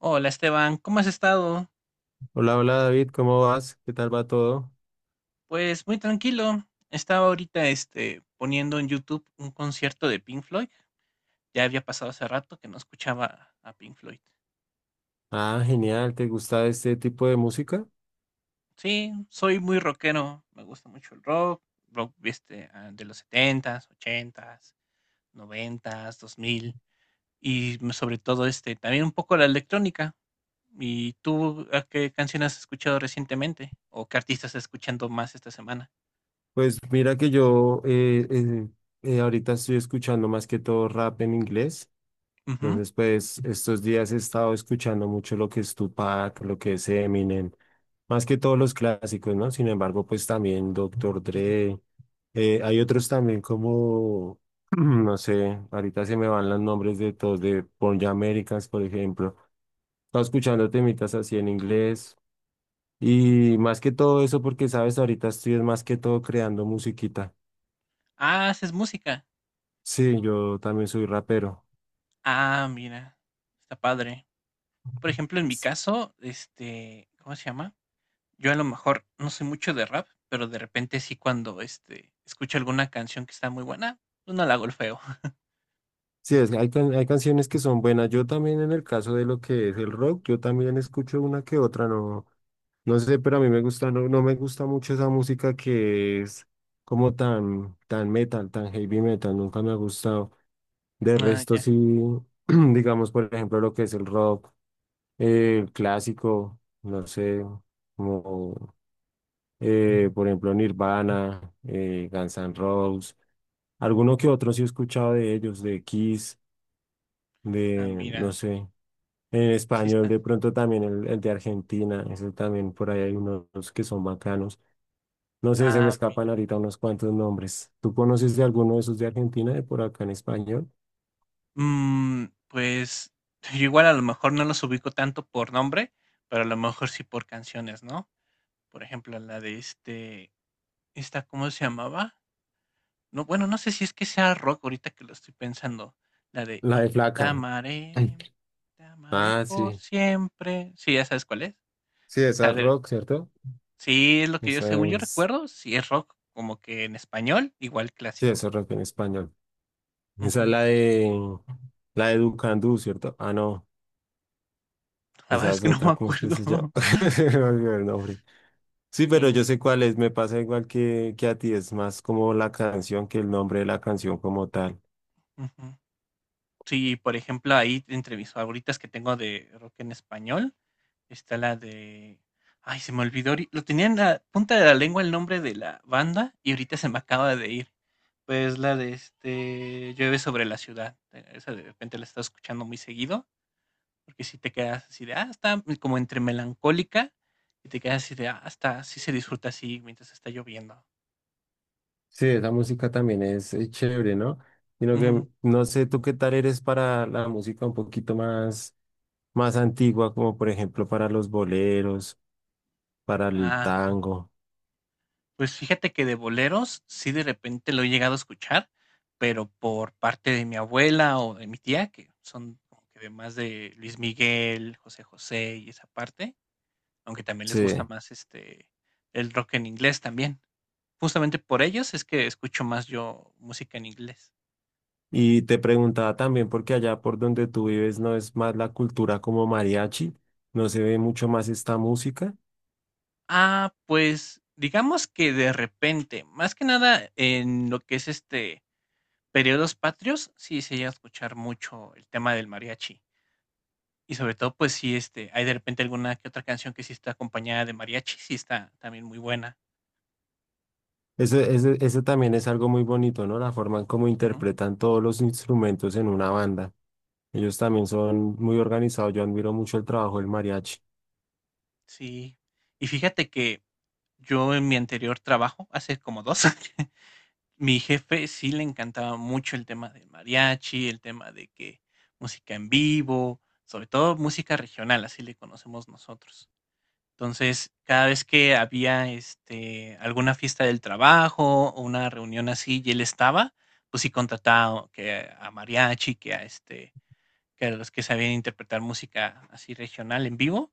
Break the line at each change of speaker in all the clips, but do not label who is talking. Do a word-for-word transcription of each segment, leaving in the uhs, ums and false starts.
Hola Esteban, ¿cómo has estado?
Hola, hola David, ¿cómo vas? ¿Qué tal va todo?
Pues muy tranquilo. Estaba ahorita este, poniendo en YouTube un concierto de Pink Floyd. Ya había pasado hace rato que no escuchaba a Pink Floyd.
Ah, genial, ¿te gusta este tipo de música?
Sí, soy muy rockero. Me gusta mucho el rock, rock este, ah, de los setentas, ochentas, noventas, dos mil y m- sobre todo este, también un poco la electrónica. ¿Y tú a qué canciones has escuchado recientemente? ¿O qué artistas estás escuchando más esta semana?
Pues mira que yo eh, eh, eh, ahorita estoy escuchando más que todo rap en inglés,
Ujú,
entonces pues estos días he estado escuchando mucho lo que es Tupac, lo que es Eminem, más que todos los clásicos, ¿no? Sin embargo, pues también Doctor
ujú.
Dre, eh, hay otros también como, no sé, ahorita se me van los nombres de todos, de Born Americans, por ejemplo. Estaba escuchando temitas así en inglés. Y más que todo eso, porque sabes, ahorita estoy es más que todo creando musiquita.
Ah, haces música.
Sí, yo también soy rapero.
Ah, mira, está padre. Por ejemplo, en mi
S-
caso, este, ¿cómo se llama? Yo a lo mejor no soy mucho de rap, pero de repente sí cuando, este, escucho alguna canción que está muy buena, pues no la golfeo.
Sí, es, hay, can- hay canciones que son buenas. Yo también en el caso de lo que es el rock, yo también escucho una que otra, no, no sé, pero a mí me gusta, no, no me gusta mucho esa música que es como tan, tan metal, tan heavy metal, nunca me ha gustado. De
Ah,
resto,
ya.
sí. Digamos, por ejemplo, lo que es el rock. Eh, clásico, no sé, como eh, por ejemplo Nirvana, eh, Guns N' Roses, alguno que otro sí he escuchado de ellos, de Kiss,
Ah,
de no
mira,
sé, en
así
español
está.
de pronto también el, el de Argentina, ese también por ahí hay unos que son bacanos. No sé, se me
Ah,
escapan ahorita unos cuantos nombres. ¿Tú conoces de alguno de esos de Argentina, de por acá en español?
mm, pues yo igual a lo mejor no los ubico tanto por nombre, pero a lo mejor sí por canciones, ¿no? Por ejemplo, la de este, esta, ¿cómo se llamaba? No, bueno, no sé si es que sea rock ahorita que lo estoy pensando. La de
La de
"Y yo te
Flaca.
amaré, te amaré
Ah,
por
sí.
siempre". Sí, ¿ya sabes cuál es?
Sí,
O
esa
sea,
es
de-
rock, ¿cierto?
sí es lo que yo,
Esa
según yo
es.
recuerdo, sí es rock, como que en español, igual
Sí,
clásico.
eso es rock en español. Esa es
Ujú.
la de la de Ducandú, ¿cierto? Ah, no,
La verdad
esa
es
es
que no me
otra, ¿cómo es que
acuerdo.
se llama? Se me olvidó el nombre. Sí, pero yo
Sí,
sé cuál es, me pasa igual que, que a ti, es más como la canción que el nombre de la canción como tal.
ujú. Sí, por ejemplo, ahí entre mis favoritas que tengo de rock en español, está la de... Ay, se me olvidó, ahori- lo tenía en la punta de la lengua el nombre de la banda y ahorita se me acaba de ir. Pues la de este "Llueve sobre la ciudad". eh, Esa de repente la estás escuchando muy seguido, porque si te quedas así de, ah, está como entre melancólica y te quedas así de, ah, está, sí se disfruta así mientras está lloviendo.
Sí, esa música también es, eh, chévere, ¿no? Sino que
Ujú.
no sé tú qué tal eres para la música un poquito más, más antigua, como por ejemplo para los boleros, para el
Ah.
tango.
Pues fíjate que de boleros sí de repente lo he llegado a escuchar, pero por parte de mi abuela o de mi tía, que son como que de más de Luis Miguel, José José y esa parte, aunque también les gusta
Sí.
más este el rock en inglés también. Justamente por ellos es que escucho más yo música en inglés.
Y te preguntaba también, porque allá por donde tú vives no es más la cultura como mariachi, no se ve mucho más esta música.
Ah, pues digamos que de repente, más que nada en lo que es este periodos patrios, sí se llega a escuchar mucho el tema del mariachi. Y sobre todo, pues sí, este, hay de repente alguna que otra canción que sí está acompañada de mariachi, sí está también muy buena.
Eso, eso, eso también es algo muy bonito, ¿no? La forma en cómo
Ujú,
interpretan todos los instrumentos en una banda. Ellos también son muy organizados. Yo admiro mucho el trabajo del mariachi.
sí. Y fíjate que yo en mi anterior trabajo, hace como dos mi jefe sí le encantaba mucho el tema del mariachi, el tema de que música en vivo, sobre todo música regional, así le conocemos nosotros. Entonces, cada vez que había, este, alguna fiesta del trabajo o una reunión así y él estaba, pues sí contrataba que a mariachi, que a, este, que a los que sabían interpretar música así regional en vivo,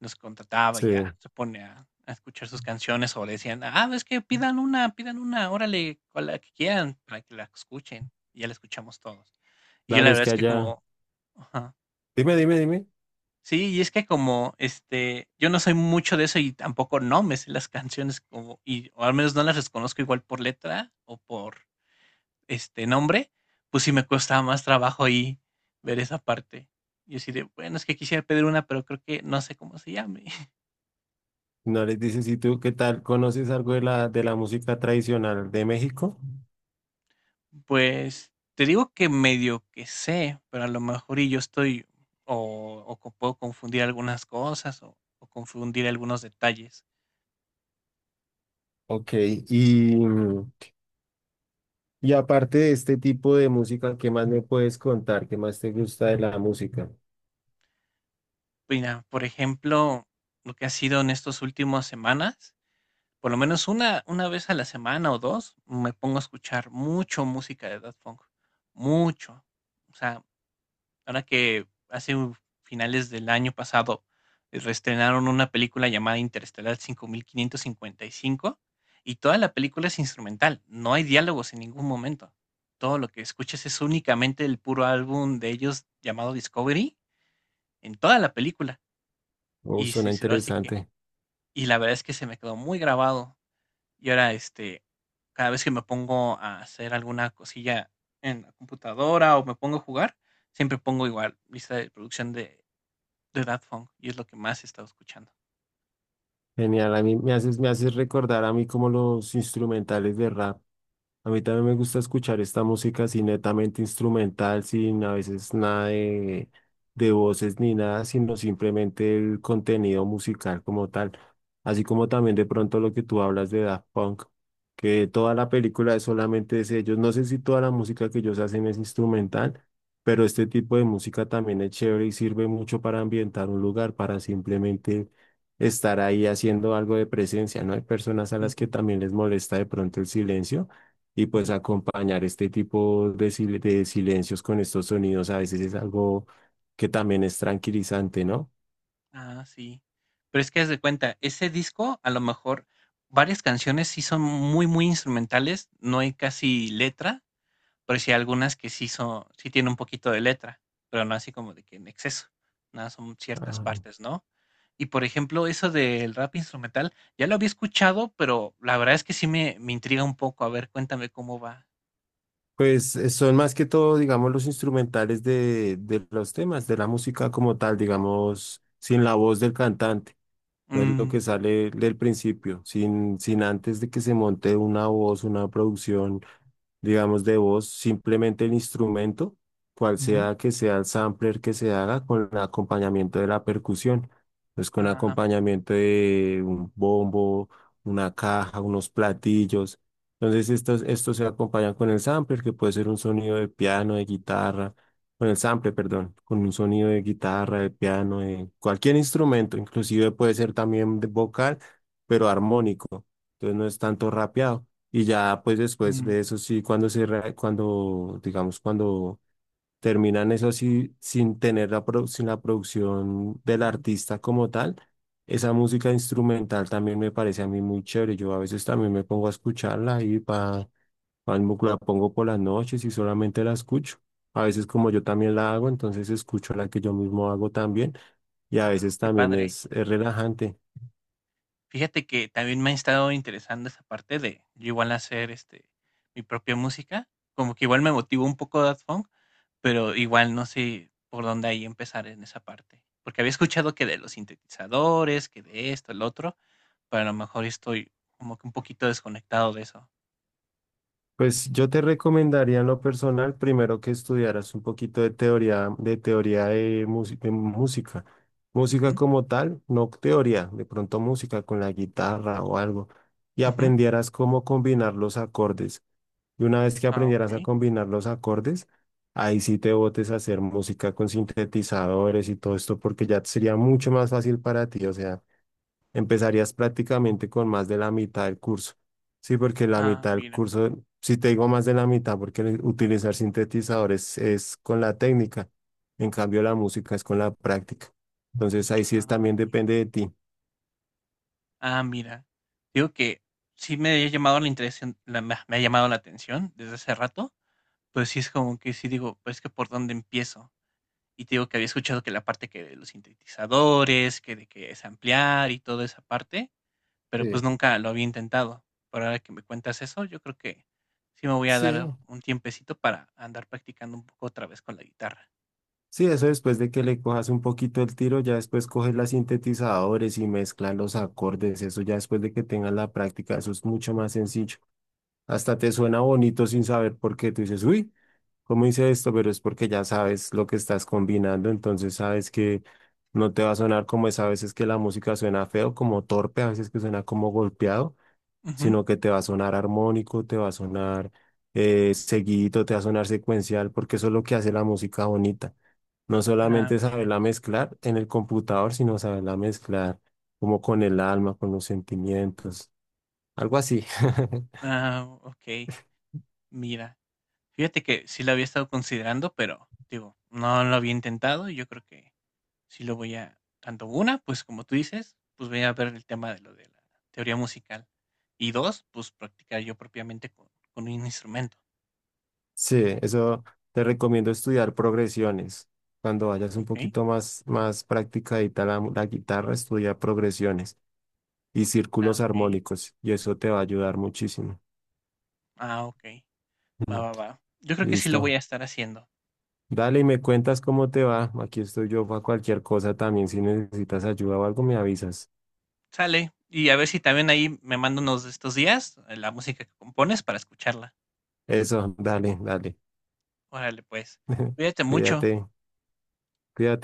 los contrataba y
Sí,
ya se pone a a escuchar sus canciones o le decían: "Ah, es que pidan una, pidan una, órale, con la que quieran, para que la escuchen", y ya la escuchamos todos. Y yo la
claro, es
verdad
que
es que
allá.
como ajá.
Dime, dime, dime.
Sí, y es que como, este, yo no soy mucho de eso y tampoco no me sé las canciones como, y, o al menos no las reconozco igual por letra o por este nombre, pues sí me cuesta más trabajo ahí ver esa parte. Y así de, bueno, es que quisiera pedir una, pero creo que no sé cómo se llame.
No les dices, ¿y tú qué tal? ¿Conoces algo de la, de la música tradicional de México?
Pues te digo que medio que sé, pero a lo mejor y yo estoy, o, o co- puedo confundir algunas cosas o o confundir algunos detalles.
Ok, y, Y aparte de este tipo de música, ¿qué más me puedes contar? ¿Qué más te gusta de la música?
Mira, por ejemplo, lo que ha sido en estos últimos semanas, por lo menos una una vez a la semana o dos, me pongo a escuchar mucho música de Daft Punk, mucho. O sea, ahora que hace u finales del año pasado, eh, reestrenaron una película llamada Interestelar cinco mil quinientos cincuenta y cinco y toda la película es instrumental, no hay diálogos en ningún momento. Todo lo que escuchas es únicamente el puro álbum de ellos llamado Discovery en toda la película.
Oh,
Y
suena
sí, sí, así que
interesante.
y la verdad es que se me quedó muy grabado. Y ahora, este, cada vez que me pongo a hacer alguna cosilla en la computadora o me pongo a jugar, siempre pongo igual lista de producción de, de Daft Punk y es lo que más he estado escuchando.
Genial. A mí me haces, me haces recordar a mí como los instrumentales de rap. A mí también me gusta escuchar esta música así netamente instrumental, sin a veces nada de, de voces ni nada, sino simplemente el contenido musical como tal. Así como también de pronto lo que tú hablas de Daft Punk, que toda la película es solamente de ellos. No sé si toda la música que ellos hacen es instrumental, pero este tipo de música también es chévere y sirve mucho para ambientar un lugar, para simplemente estar ahí haciendo algo de presencia, ¿no? Hay personas a las
Ujú,
que también les molesta de pronto el silencio y pues
ujú.
acompañar este tipo de, sil- de silencios con estos sonidos a veces es algo que también es tranquilizante, ¿no?
Ah, sí. Pero es que haz de cuenta, ese disco a lo mejor varias canciones sí son muy, muy instrumentales, no hay casi letra, pero sí hay algunas que sí son, sí tienen un poquito de letra, pero no así como de que en exceso, nada, son ciertas
Ah,
partes, ¿no? Y por ejemplo, eso del rap instrumental, ya lo había escuchado, pero la verdad es que sí me, me intriga un poco. A ver, cuéntame cómo va.
pues eh, son más que todo, digamos, los instrumentales de, de los temas, de la música como tal, digamos, sin la voz del cantante. No es lo que
Mm,
sale del principio, sin, sin antes de que se monte una voz, una producción, digamos, de voz, simplemente el instrumento, cual
ujú,
sea que sea el sampler que se haga, con el acompañamiento de la percusión, pues con
ah,
acompañamiento de un bombo, una caja, unos platillos. Entonces, estos, estos se acompañan con el sampler, que puede ser un sonido de piano, de guitarra con el sample, perdón, con un sonido de guitarra, de piano, de cualquier instrumento, inclusive puede ser también de vocal, pero armónico, entonces no es tanto rapeado. Y ya pues después
mm,
de eso sí, cuando se, re- cuando, digamos, cuando terminan eso así sin tener la, produ- sin la producción del
ujú.
artista como tal. Esa música instrumental también me parece a mí muy chévere. Yo a veces también me pongo a escucharla y pa para, la pongo por las noches y solamente la escucho. A veces como yo también la hago, entonces escucho la que yo mismo hago también y a
Ah,
veces
qué
también
padre.
es, es relajante.
Fíjate que también me ha estado interesando esa parte de yo igual hacer este mi propia música, como que igual me motivó un poco Daft Punk. Pero igual no sé por dónde ahí empezar en esa parte, porque había escuchado que de los sintetizadores, que de esto, el otro, pero a lo mejor estoy como que un poquito desconectado de eso.
Pues yo te recomendaría en lo personal primero que estudiaras un poquito de teoría, de teoría de, músi- de música. Música
Ujú,
como tal, no teoría, de pronto música con la guitarra o algo, y
ujú.
aprendieras cómo combinar los acordes. Y una vez que
Ah,
aprendieras a
okey.
combinar los acordes, ahí sí te botes a hacer música con sintetizadores y todo esto, porque ya sería mucho más fácil para ti. O sea, empezarías prácticamente con más de la mitad del curso. Sí, porque la
Ah,
mitad del
mira.
curso, si te digo más de la mitad, porque el utilizar sintetizadores es con la técnica. En cambio, la música es con la práctica. Entonces, ahí sí es
Ah,
también depende de ti.
ah, mira. Digo que sí me había llamado la intención la me me ha llamado la atención desde hace rato, pero sí es como que sí digo, pues, que, ¿por dónde empiezo? Y te digo que había escuchado que la parte que de los sintetizadores, que de que es ampliar y toda esa parte, pero, pues,
Sí,
nunca lo había intentado. Pero ahora que me cuentas eso, yo creo que sí me voy a
sí,
dar un tiempecito para andar practicando un poco otra vez con la guitarra.
Sí, eso después de que le cojas un poquito el tiro, ya después coges los sintetizadores y mezclas los acordes, eso ya después de que tengas la práctica, eso es mucho más sencillo. Hasta te suena bonito sin saber por qué. Tú dices, uy, ¿cómo hice esto? Pero es porque ya sabes lo que estás combinando, entonces sabes que no te va a sonar como es a veces que la música suena feo, como torpe, a veces que suena como golpeado,
Ujú.
sino que te va a sonar armónico, te va a sonar eh, seguidito, te va a sonar secuencial, porque eso es lo que hace la música bonita. No
Ah,
solamente
mira.
saberla mezclar en el computador, sino saberla mezclar como con el alma, con los sentimientos, algo así.
Ah, ok, mira. Fíjate que sí lo había estado considerando, pero, digo, no lo había intentado, y yo creo que sí lo voy a tanto una, pues, como tú dices, pues, voy a ver el tema de lo de la teoría musical. Y dos pues, practicar yo propiamente con con un instrumento.
Sí, eso te recomiendo estudiar progresiones. Cuando vayas un
Ok.
poquito más, más practicadita la, la guitarra, estudia progresiones y
Ah,
círculos
ok.
armónicos y eso te va a ayudar muchísimo.
Ah, ok. Va,
Ujú.
va, va. Yo creo que sí lo voy
Listo.
a estar haciendo.
Dale y me cuentas cómo te va. Aquí estoy yo para cualquier cosa también. Si necesitas ayuda o algo, me avisas.
Sale. Y a ver si también ahí me mando unos de estos días eh, la música que compones para escucharla.
Eso, dale, dale.
Órale, pues. Cuídate mucho.
Cuídate. Cuídate.